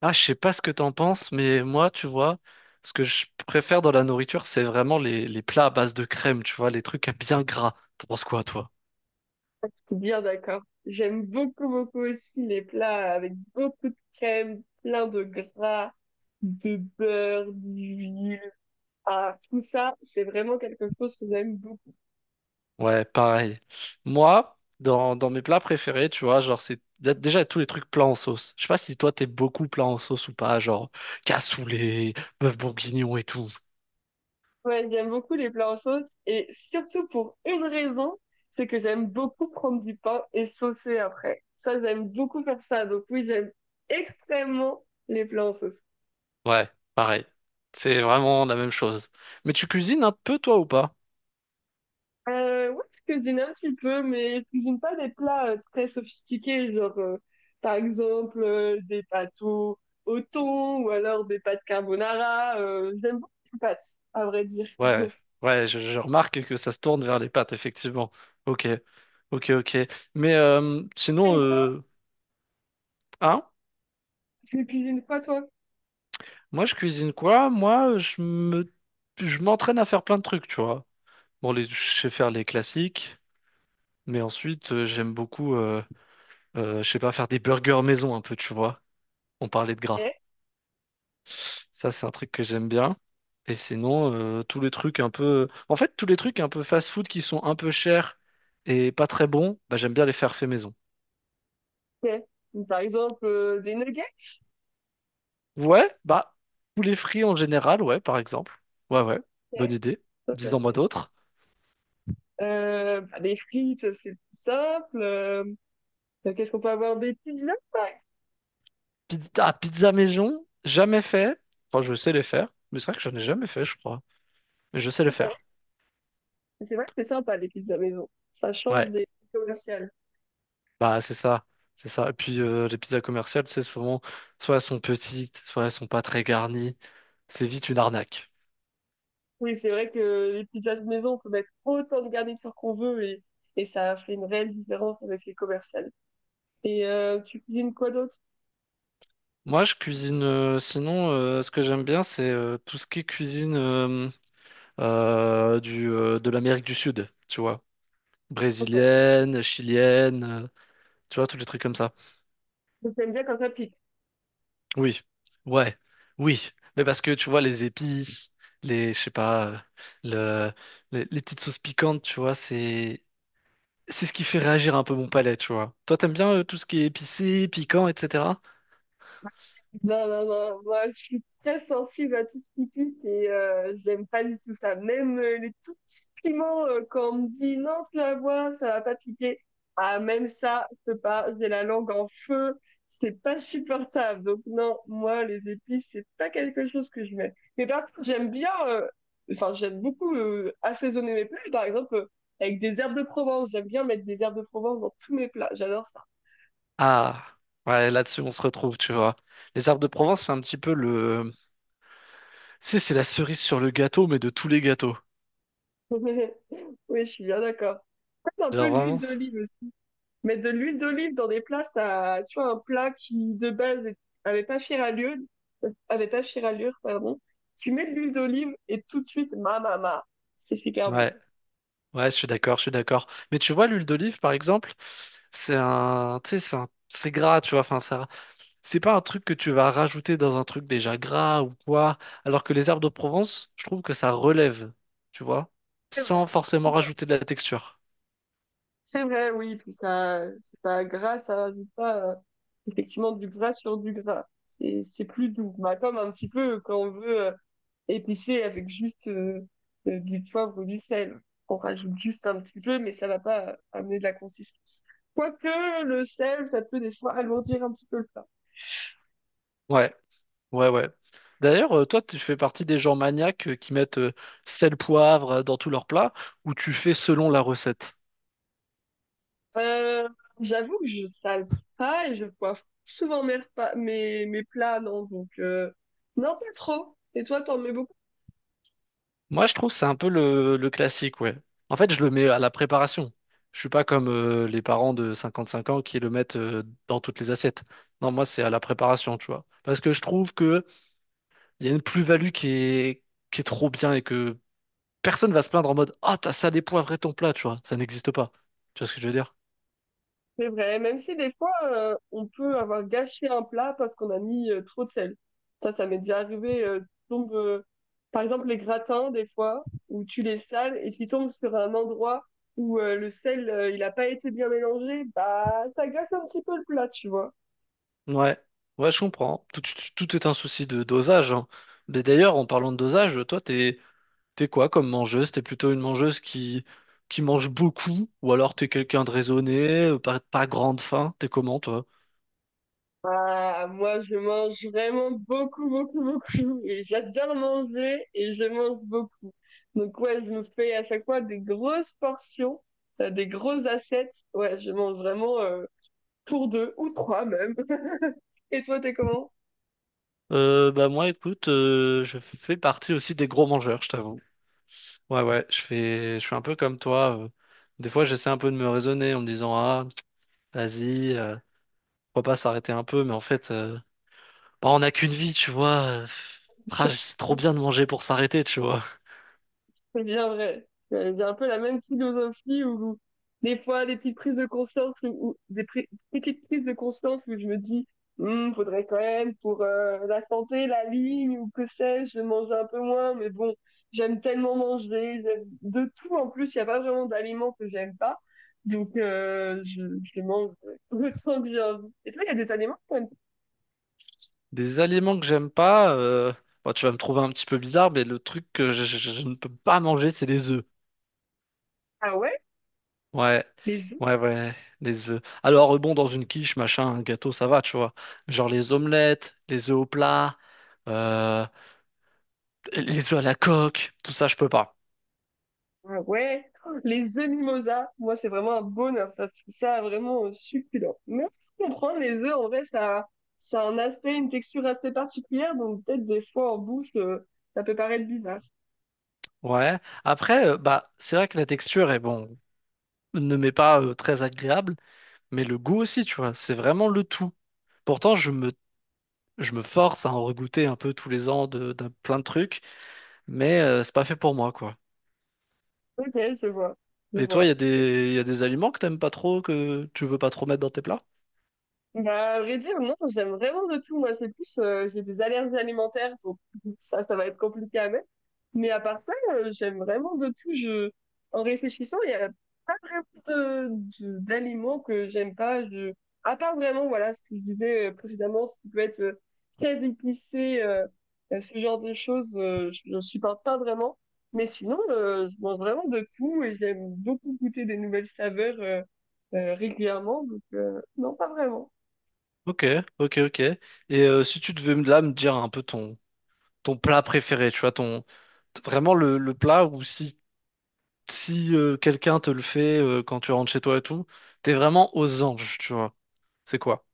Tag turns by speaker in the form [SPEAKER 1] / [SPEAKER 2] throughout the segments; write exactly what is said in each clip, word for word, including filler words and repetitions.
[SPEAKER 1] Ah, je sais pas ce que t'en penses, mais moi, tu vois, ce que je préfère dans la nourriture, c'est vraiment les, les plats à base de crème, tu vois, les trucs à bien gras. T'en penses quoi, toi?
[SPEAKER 2] Ah, c'est bien d'accord. J'aime beaucoup, beaucoup aussi les plats avec beaucoup de crème, plein de gras, de beurre, d'huile. Ah, tout ça, c'est vraiment quelque chose que j'aime beaucoup.
[SPEAKER 1] Ouais, pareil. Moi, dans, dans mes plats préférés, tu vois, genre, c'est dé- déjà tous les trucs plats en sauce. Je sais pas si toi, t'es beaucoup plats en sauce ou pas, genre cassoulet, bœuf bourguignon et tout.
[SPEAKER 2] Ouais, j'aime beaucoup les plats en sauce et surtout pour une raison, c'est que j'aime beaucoup prendre du pain et saucer après. Ça, j'aime beaucoup faire ça. Donc oui, j'aime extrêmement les plats en sauce.
[SPEAKER 1] Ouais, pareil. C'est vraiment la même chose. Mais tu cuisines un peu, toi, ou pas?
[SPEAKER 2] Euh, ouais, je cuisine un petit peu, mais je cuisine pas des plats euh, très sophistiqués, genre euh, par exemple euh, des pâtes au, au thon ou alors des pâtes carbonara. Euh, j'aime beaucoup les pâtes, à vrai dire.
[SPEAKER 1] Ouais, ouais, je, je remarque que ça se tourne vers les pattes, effectivement. Ok, ok, ok. Mais euh,
[SPEAKER 2] Tu
[SPEAKER 1] sinon,
[SPEAKER 2] cuisines quoi?
[SPEAKER 1] euh, hein,
[SPEAKER 2] Tu cuisines quoi, toi?
[SPEAKER 1] moi je cuisine quoi? Moi, je me, je m'entraîne à faire plein de trucs, tu vois. Bon, les, je sais faire les classiques, mais ensuite euh, j'aime beaucoup, euh, euh, je sais pas, faire des burgers maison un peu, tu vois. On parlait de gras.
[SPEAKER 2] Ok,
[SPEAKER 1] Ça, c'est un truc que j'aime bien. Et sinon, euh, tous les trucs un peu, en fait, tous les trucs un peu fast-food qui sont un peu chers et pas très bons, bah, j'aime bien les faire fait maison.
[SPEAKER 2] ok. Par exemple, euh, des nuggets?
[SPEAKER 1] Ouais, bah, poulet frit en général, ouais, par exemple. Ouais, ouais,
[SPEAKER 2] Ok,
[SPEAKER 1] bonne idée.
[SPEAKER 2] ok.
[SPEAKER 1] Disons-moi
[SPEAKER 2] Ok.
[SPEAKER 1] d'autres.
[SPEAKER 2] Euh, bah, des frites, c'est plus simple. Euh, qu'est-ce qu'on peut avoir? Des pizzas, par exemple.
[SPEAKER 1] Pizza, ah, pizza maison, jamais fait. Enfin, je sais les faire, mais c'est vrai que j'en ai jamais fait, je crois. Mais je sais les
[SPEAKER 2] Ok.
[SPEAKER 1] faire.
[SPEAKER 2] C'est vrai que c'est sympa, les pizzas maison. Ça change
[SPEAKER 1] Ouais,
[SPEAKER 2] des commerciales.
[SPEAKER 1] bah, c'est ça, c'est ça. Et puis, euh, les pizzas commerciales, c'est souvent, soit elles sont petites, soit elles sont pas très garnies. C'est vite une arnaque.
[SPEAKER 2] Oui, c'est vrai que les pizzas de maison, on peut mettre autant de garniture qu'on veut et, et ça fait une réelle différence avec les commerciales. Et euh, tu cuisines quoi d'autre?
[SPEAKER 1] Moi, je cuisine, euh, sinon, euh, ce que j'aime bien, c'est euh, tout ce qui est cuisine euh, euh, du, euh, de l'Amérique du Sud, tu vois.
[SPEAKER 2] Ok.
[SPEAKER 1] Brésilienne, chilienne, euh, tu vois, tous les trucs comme ça.
[SPEAKER 2] Donc, t'aimes bien quand ça pique.
[SPEAKER 1] Oui, ouais, oui. Mais parce que tu vois, les épices, les, je sais pas, euh, le, les, les petites sauces piquantes, tu vois, c'est, c'est ce qui fait réagir un peu mon palais, tu vois. Toi, t'aimes bien euh, tout ce qui est épicé, piquant, et cetera.
[SPEAKER 2] Non, non, non, moi je suis très sensible à tout ce qui pique et euh, j'aime pas du tout ça. Même euh, les tout petits piments, euh, quand on me dit non, tu la vois, ça va pas piquer. Ah, même ça, je peux pas, j'ai la langue en feu, c'est pas supportable. Donc, non, moi les épices, c'est pas quelque chose que je mets. Mais par contre, j'aime bien, euh, enfin, j'aime beaucoup euh, assaisonner mes plats, par exemple, euh, avec des herbes de Provence. J'aime bien mettre des herbes de Provence dans tous mes plats, j'adore ça.
[SPEAKER 1] Ah, ouais, là-dessus, on se retrouve, tu vois. Les herbes de Provence, c'est un petit peu le, tu sais, c'est la cerise sur le gâteau, mais de tous les gâteaux.
[SPEAKER 2] Oui, je suis bien d'accord. Un peu
[SPEAKER 1] Genre
[SPEAKER 2] l'huile
[SPEAKER 1] vraiment,
[SPEAKER 2] d'olive aussi. Mais de l'huile d'olive dans des plats, ça, tu vois, un plat qui de base est- avait pas fière allure, avait pas fière allure, pardon. Tu mets de l'huile d'olive et tout de suite, ma ma ma, c'est super bon.
[SPEAKER 1] ouais. Ouais, je suis d'accord, je suis d'accord. Mais tu vois, l'huile d'olive, par exemple, c'est un, tu sais, c'est un- c'est gras, tu vois. Enfin, ça, c'est pas un truc que tu vas rajouter dans un truc déjà gras ou quoi. Alors que les herbes de Provence, je trouve que ça relève, tu vois,
[SPEAKER 2] C'est
[SPEAKER 1] sans
[SPEAKER 2] vrai, c'est
[SPEAKER 1] forcément
[SPEAKER 2] vrai.
[SPEAKER 1] rajouter de la texture.
[SPEAKER 2] C'est vrai, oui, puis ça, ça gras, ça rajoute pas euh, effectivement du gras sur du gras. C'est c'est plus doux. Bah, comme un petit peu quand on veut euh, épicé avec juste euh, euh, du poivre, du sel. On rajoute juste un petit peu, mais ça va pas amener de la consistance. Quoique le sel, ça peut des fois alourdir un petit peu le plat.
[SPEAKER 1] Ouais, ouais, ouais. D'ailleurs, euh, toi, tu fais partie des gens maniaques euh, qui mettent euh, sel, poivre euh, dans tous leurs plats, ou tu fais selon la recette?
[SPEAKER 2] Euh, J'avoue que je sale pas et je poivre souvent mes, repas- mes, mes plats, non, donc euh, non, pas trop. Et toi, t'en mets beaucoup?
[SPEAKER 1] Moi, je trouve que c'est un peu le, le classique, ouais. En fait, je le mets à la préparation. Je suis pas comme euh, les parents de cinquante-cinq ans qui le mettent euh, dans toutes les assiettes. Non, moi, c'est à la préparation, tu vois. Parce que je trouve que il y a une plus-value qui est, qui est trop bien et que personne va se plaindre en mode «Ah, t'as salé poivré ton plat», tu vois. Ça n'existe pas. Tu vois ce que je veux dire?
[SPEAKER 2] C'est vrai, même si des fois, euh, on peut avoir gâché un plat parce qu'on a mis euh, trop de sel. Ça, ça m'est déjà arrivé. Euh, tu tombes, euh, par exemple, les gratins, des fois, où tu les sales et tu tombes sur un endroit où euh, le sel, euh, il n'a pas été bien mélangé, bah, ça gâche un petit peu le plat, tu vois.
[SPEAKER 1] Ouais, ouais, je comprends. Tout, tout- tout est un souci de dosage, hein. Mais d'ailleurs, en parlant de dosage, toi, t'es, t'es quoi comme mangeuse? T'es plutôt une mangeuse qui, qui mange beaucoup, ou alors t'es quelqu'un de raisonné, euh, pas, pas grande faim, t'es comment toi?
[SPEAKER 2] Ah, moi, je mange vraiment beaucoup, beaucoup, beaucoup. Et j'adore manger et je mange beaucoup. Donc, ouais, je me fais à chaque fois des grosses portions, euh, des grosses assiettes. Ouais, je mange vraiment. Euh, pour deux ou trois même. Et toi, t'es comment?
[SPEAKER 1] Euh, bah moi écoute, euh, je fais partie aussi des gros mangeurs, je t'avoue. Ouais ouais, je fais, je suis un peu comme toi. euh. Des fois j'essaie un peu de me raisonner en me disant ah vas-y, euh, pourquoi pas s'arrêter un peu, mais en fait euh, bah, on n'a qu'une vie, tu vois. euh, pff, ah, c'est trop bien de manger pour s'arrêter, tu vois.
[SPEAKER 2] C'est bien vrai. C'est un peu la même philosophie où des fois des petites prises de conscience ou ou des pri- petites prises de conscience où je me dis hmm, faudrait quand même pour euh, la santé, la ligne ou que sais-je, manger un peu moins. Mais bon, j'aime tellement manger, j'aime de tout en plus. Il n'y a pas vraiment d'aliments que j'aime pas. Donc euh, je, je mange le temps que j'ai envie. Et toi, il y a des aliments que t'aimes-
[SPEAKER 1] Des aliments que j'aime pas, euh, bon, tu vas me trouver un petit peu bizarre, mais le truc que je, je- je ne peux pas manger, c'est les œufs.
[SPEAKER 2] Ah ouais?
[SPEAKER 1] Ouais,
[SPEAKER 2] Les
[SPEAKER 1] ouais, ouais, les œufs. Alors, euh, bon, dans une quiche, machin, un gâteau, ça va, tu vois. Genre les omelettes, les œufs au plat, euh, les œufs à la coque, tout ça, je peux pas.
[SPEAKER 2] ah ouais, les œufs mimosa, moi c'est vraiment un bonheur, ça je trouve ça vraiment euh, succulent. Mais je comprends, les œufs en vrai ça, ça a un aspect, une texture assez particulière, donc peut-être des fois en bouche euh, ça peut paraître bizarre.
[SPEAKER 1] Ouais. Après, euh, bah, c'est vrai que la texture est bon, ne m'est pas euh, très agréable, mais le goût aussi, tu vois, c'est vraiment le tout. Pourtant, je me, je me force à en regoûter un peu tous les ans de, d'un plein de trucs. Mais euh, c'est pas fait pour moi, quoi.
[SPEAKER 2] Ok, je vois, je
[SPEAKER 1] Et toi, il y
[SPEAKER 2] vois.
[SPEAKER 1] a des, y a des aliments que t'aimes pas trop, que tu veux pas trop mettre dans tes plats?
[SPEAKER 2] Bah à vrai dire, non, j'aime vraiment de tout, moi c'est plus, euh, j'ai des allergies alimentaires, donc ça, ça va être compliqué à mettre. Mais à part ça, euh, j'aime vraiment de tout. Je... En réfléchissant, il n'y a pas vraiment de, de- d'aliments que j'aime pas. Je... À part vraiment, voilà, ce que je disais euh, précédemment, ce qui peut être euh, très épicé, euh, euh, ce genre de choses, euh, je ne supporte pas vraiment. Mais sinon, euh, je mange vraiment de tout et j'aime beaucoup goûter des nouvelles saveurs euh, euh, régulièrement. Donc, euh, non, pas vraiment.
[SPEAKER 1] Ok, ok, ok. Et euh, si tu devais me- là me dire un peu ton, ton plat préféré, tu vois, ton, vraiment le, le plat où si si euh, quelqu'un te le fait euh, quand tu rentres chez toi et tout, t'es vraiment aux anges, tu vois. C'est quoi?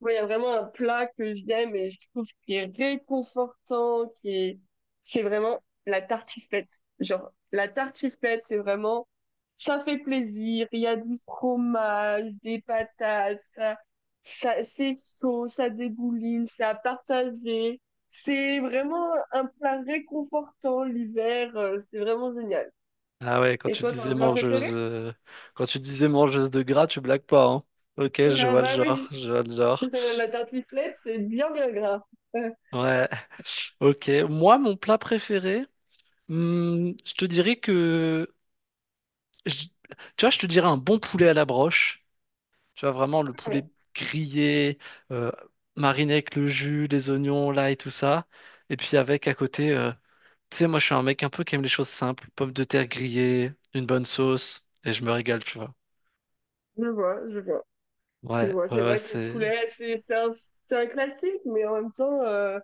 [SPEAKER 2] Moi, il y a vraiment un plat que j'aime et je trouve qui est réconfortant, qui est, c'est vraiment la tartiflette. Genre, la tartiflette, c'est vraiment, ça fait plaisir, il y a du fromage, des patates, ça, ça, c'est chaud, ça dégouline, c'est à partager. C'est vraiment un plat réconfortant l'hiver, euh, c'est vraiment génial.
[SPEAKER 1] Ah ouais, quand
[SPEAKER 2] Et
[SPEAKER 1] tu
[SPEAKER 2] toi, t'as un
[SPEAKER 1] disais
[SPEAKER 2] plat préféré?
[SPEAKER 1] mangeuse, euh, quand tu disais mangeuse de gras, tu blagues pas, hein. Ok, je
[SPEAKER 2] Ah
[SPEAKER 1] vois le
[SPEAKER 2] bah
[SPEAKER 1] genre,
[SPEAKER 2] oui,
[SPEAKER 1] je vois le genre.
[SPEAKER 2] la tartiflette, c'est bien, bien gras.
[SPEAKER 1] Ouais. Ok. Moi, mon plat préféré, hmm, je te dirais que, je- tu vois, je te dirais un bon poulet à la broche. Tu vois, vraiment le poulet grillé, euh, mariné avec le jus, les oignons, là et tout ça. Et puis avec à côté, euh, tu sais, moi, je suis un mec un peu qui aime les choses simples. Pommes de terre grillées, une bonne sauce, et je me régale, tu vois.
[SPEAKER 2] Je vois, je vois. Mais
[SPEAKER 1] Ouais,
[SPEAKER 2] bon,
[SPEAKER 1] ouais,
[SPEAKER 2] c'est
[SPEAKER 1] ouais,
[SPEAKER 2] vrai que le
[SPEAKER 1] c'est,
[SPEAKER 2] poulet, c'est c'est un, c'est un classique, mais en même temps, euh,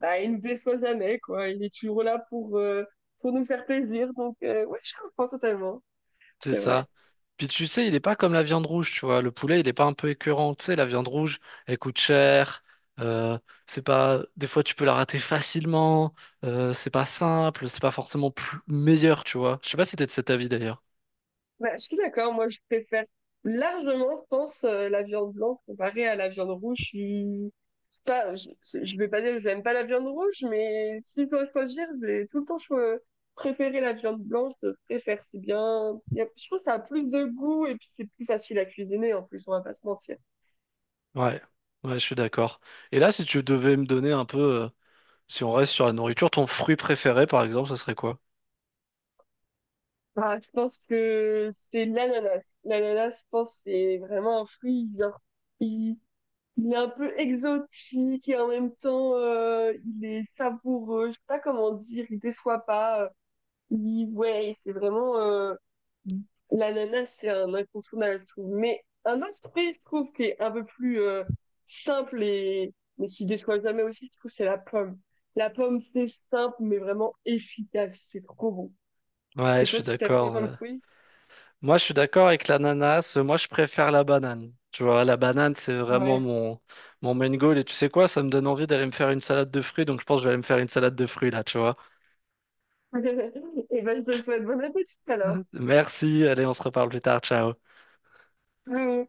[SPEAKER 2] bah, il ne déçoit jamais, quoi. Il est toujours là pour, euh, pour nous faire plaisir. Donc, euh, ouais, je comprends totalement.
[SPEAKER 1] c'est
[SPEAKER 2] C'est vrai.
[SPEAKER 1] ça. Puis tu sais, il est pas comme la viande rouge, tu vois. Le poulet, il est pas un peu écœurant. Tu sais, la viande rouge, elle coûte cher. euh, c'est pas, des fois, tu peux la rater facilement. Euh, c'est pas simple. C'est pas forcément plus- meilleur, tu vois. Je sais pas si t'es de cet avis d'ailleurs.
[SPEAKER 2] Bah, je suis d'accord. Moi, je préfère largement, je pense, euh, la viande blanche comparée à la viande rouge. Je suis- c'est pas, je, je vais pas dire que je n'aime pas la viande rouge, mais si je dois choisir, je vais tout le temps cho- préférer la viande blanche. Je préfère, c'est bien. Il y a- je trouve que ça a plus de goût et puis c'est plus facile à cuisiner en plus, on va pas se mentir.
[SPEAKER 1] Ouais, ouais, je suis d'accord. Et là, si tu devais me donner un peu, euh, si on reste sur la nourriture, ton fruit préféré, par exemple, ce serait quoi?
[SPEAKER 2] Ah, je pense que c'est l'ananas. L'ananas, je pense, c'est vraiment un fruit, genre, il, il est un peu exotique et en même temps, euh, il est savoureux. Je sais pas comment dire, il déçoit pas. Il, ouais, c'est vraiment, euh, l'ananas, c'est un incontournable, je trouve. Mais un autre fruit, je trouve, qui est un peu plus, euh, simple et, mais qui déçoit jamais aussi, je trouve, c'est la pomme. La pomme, c'est simple, mais vraiment efficace. C'est trop bon.
[SPEAKER 1] Ouais,
[SPEAKER 2] Et
[SPEAKER 1] je
[SPEAKER 2] toi,
[SPEAKER 1] suis
[SPEAKER 2] tu t'aimes quoi
[SPEAKER 1] d'accord,
[SPEAKER 2] comme
[SPEAKER 1] ouais.
[SPEAKER 2] fruit?
[SPEAKER 1] Moi, je suis d'accord avec l'ananas. Moi, je préfère la banane. Tu vois, la banane, c'est vraiment
[SPEAKER 2] Ouais.
[SPEAKER 1] mon, mon main goal. Et tu sais quoi, ça me donne envie d'aller me faire une salade de fruits. Donc, je pense que je vais aller me faire une salade de fruits là, tu vois.
[SPEAKER 2] Et ben, je te souhaite bon appétit alors.
[SPEAKER 1] Merci. Allez, on se reparle plus tard. Ciao.
[SPEAKER 2] Mmh.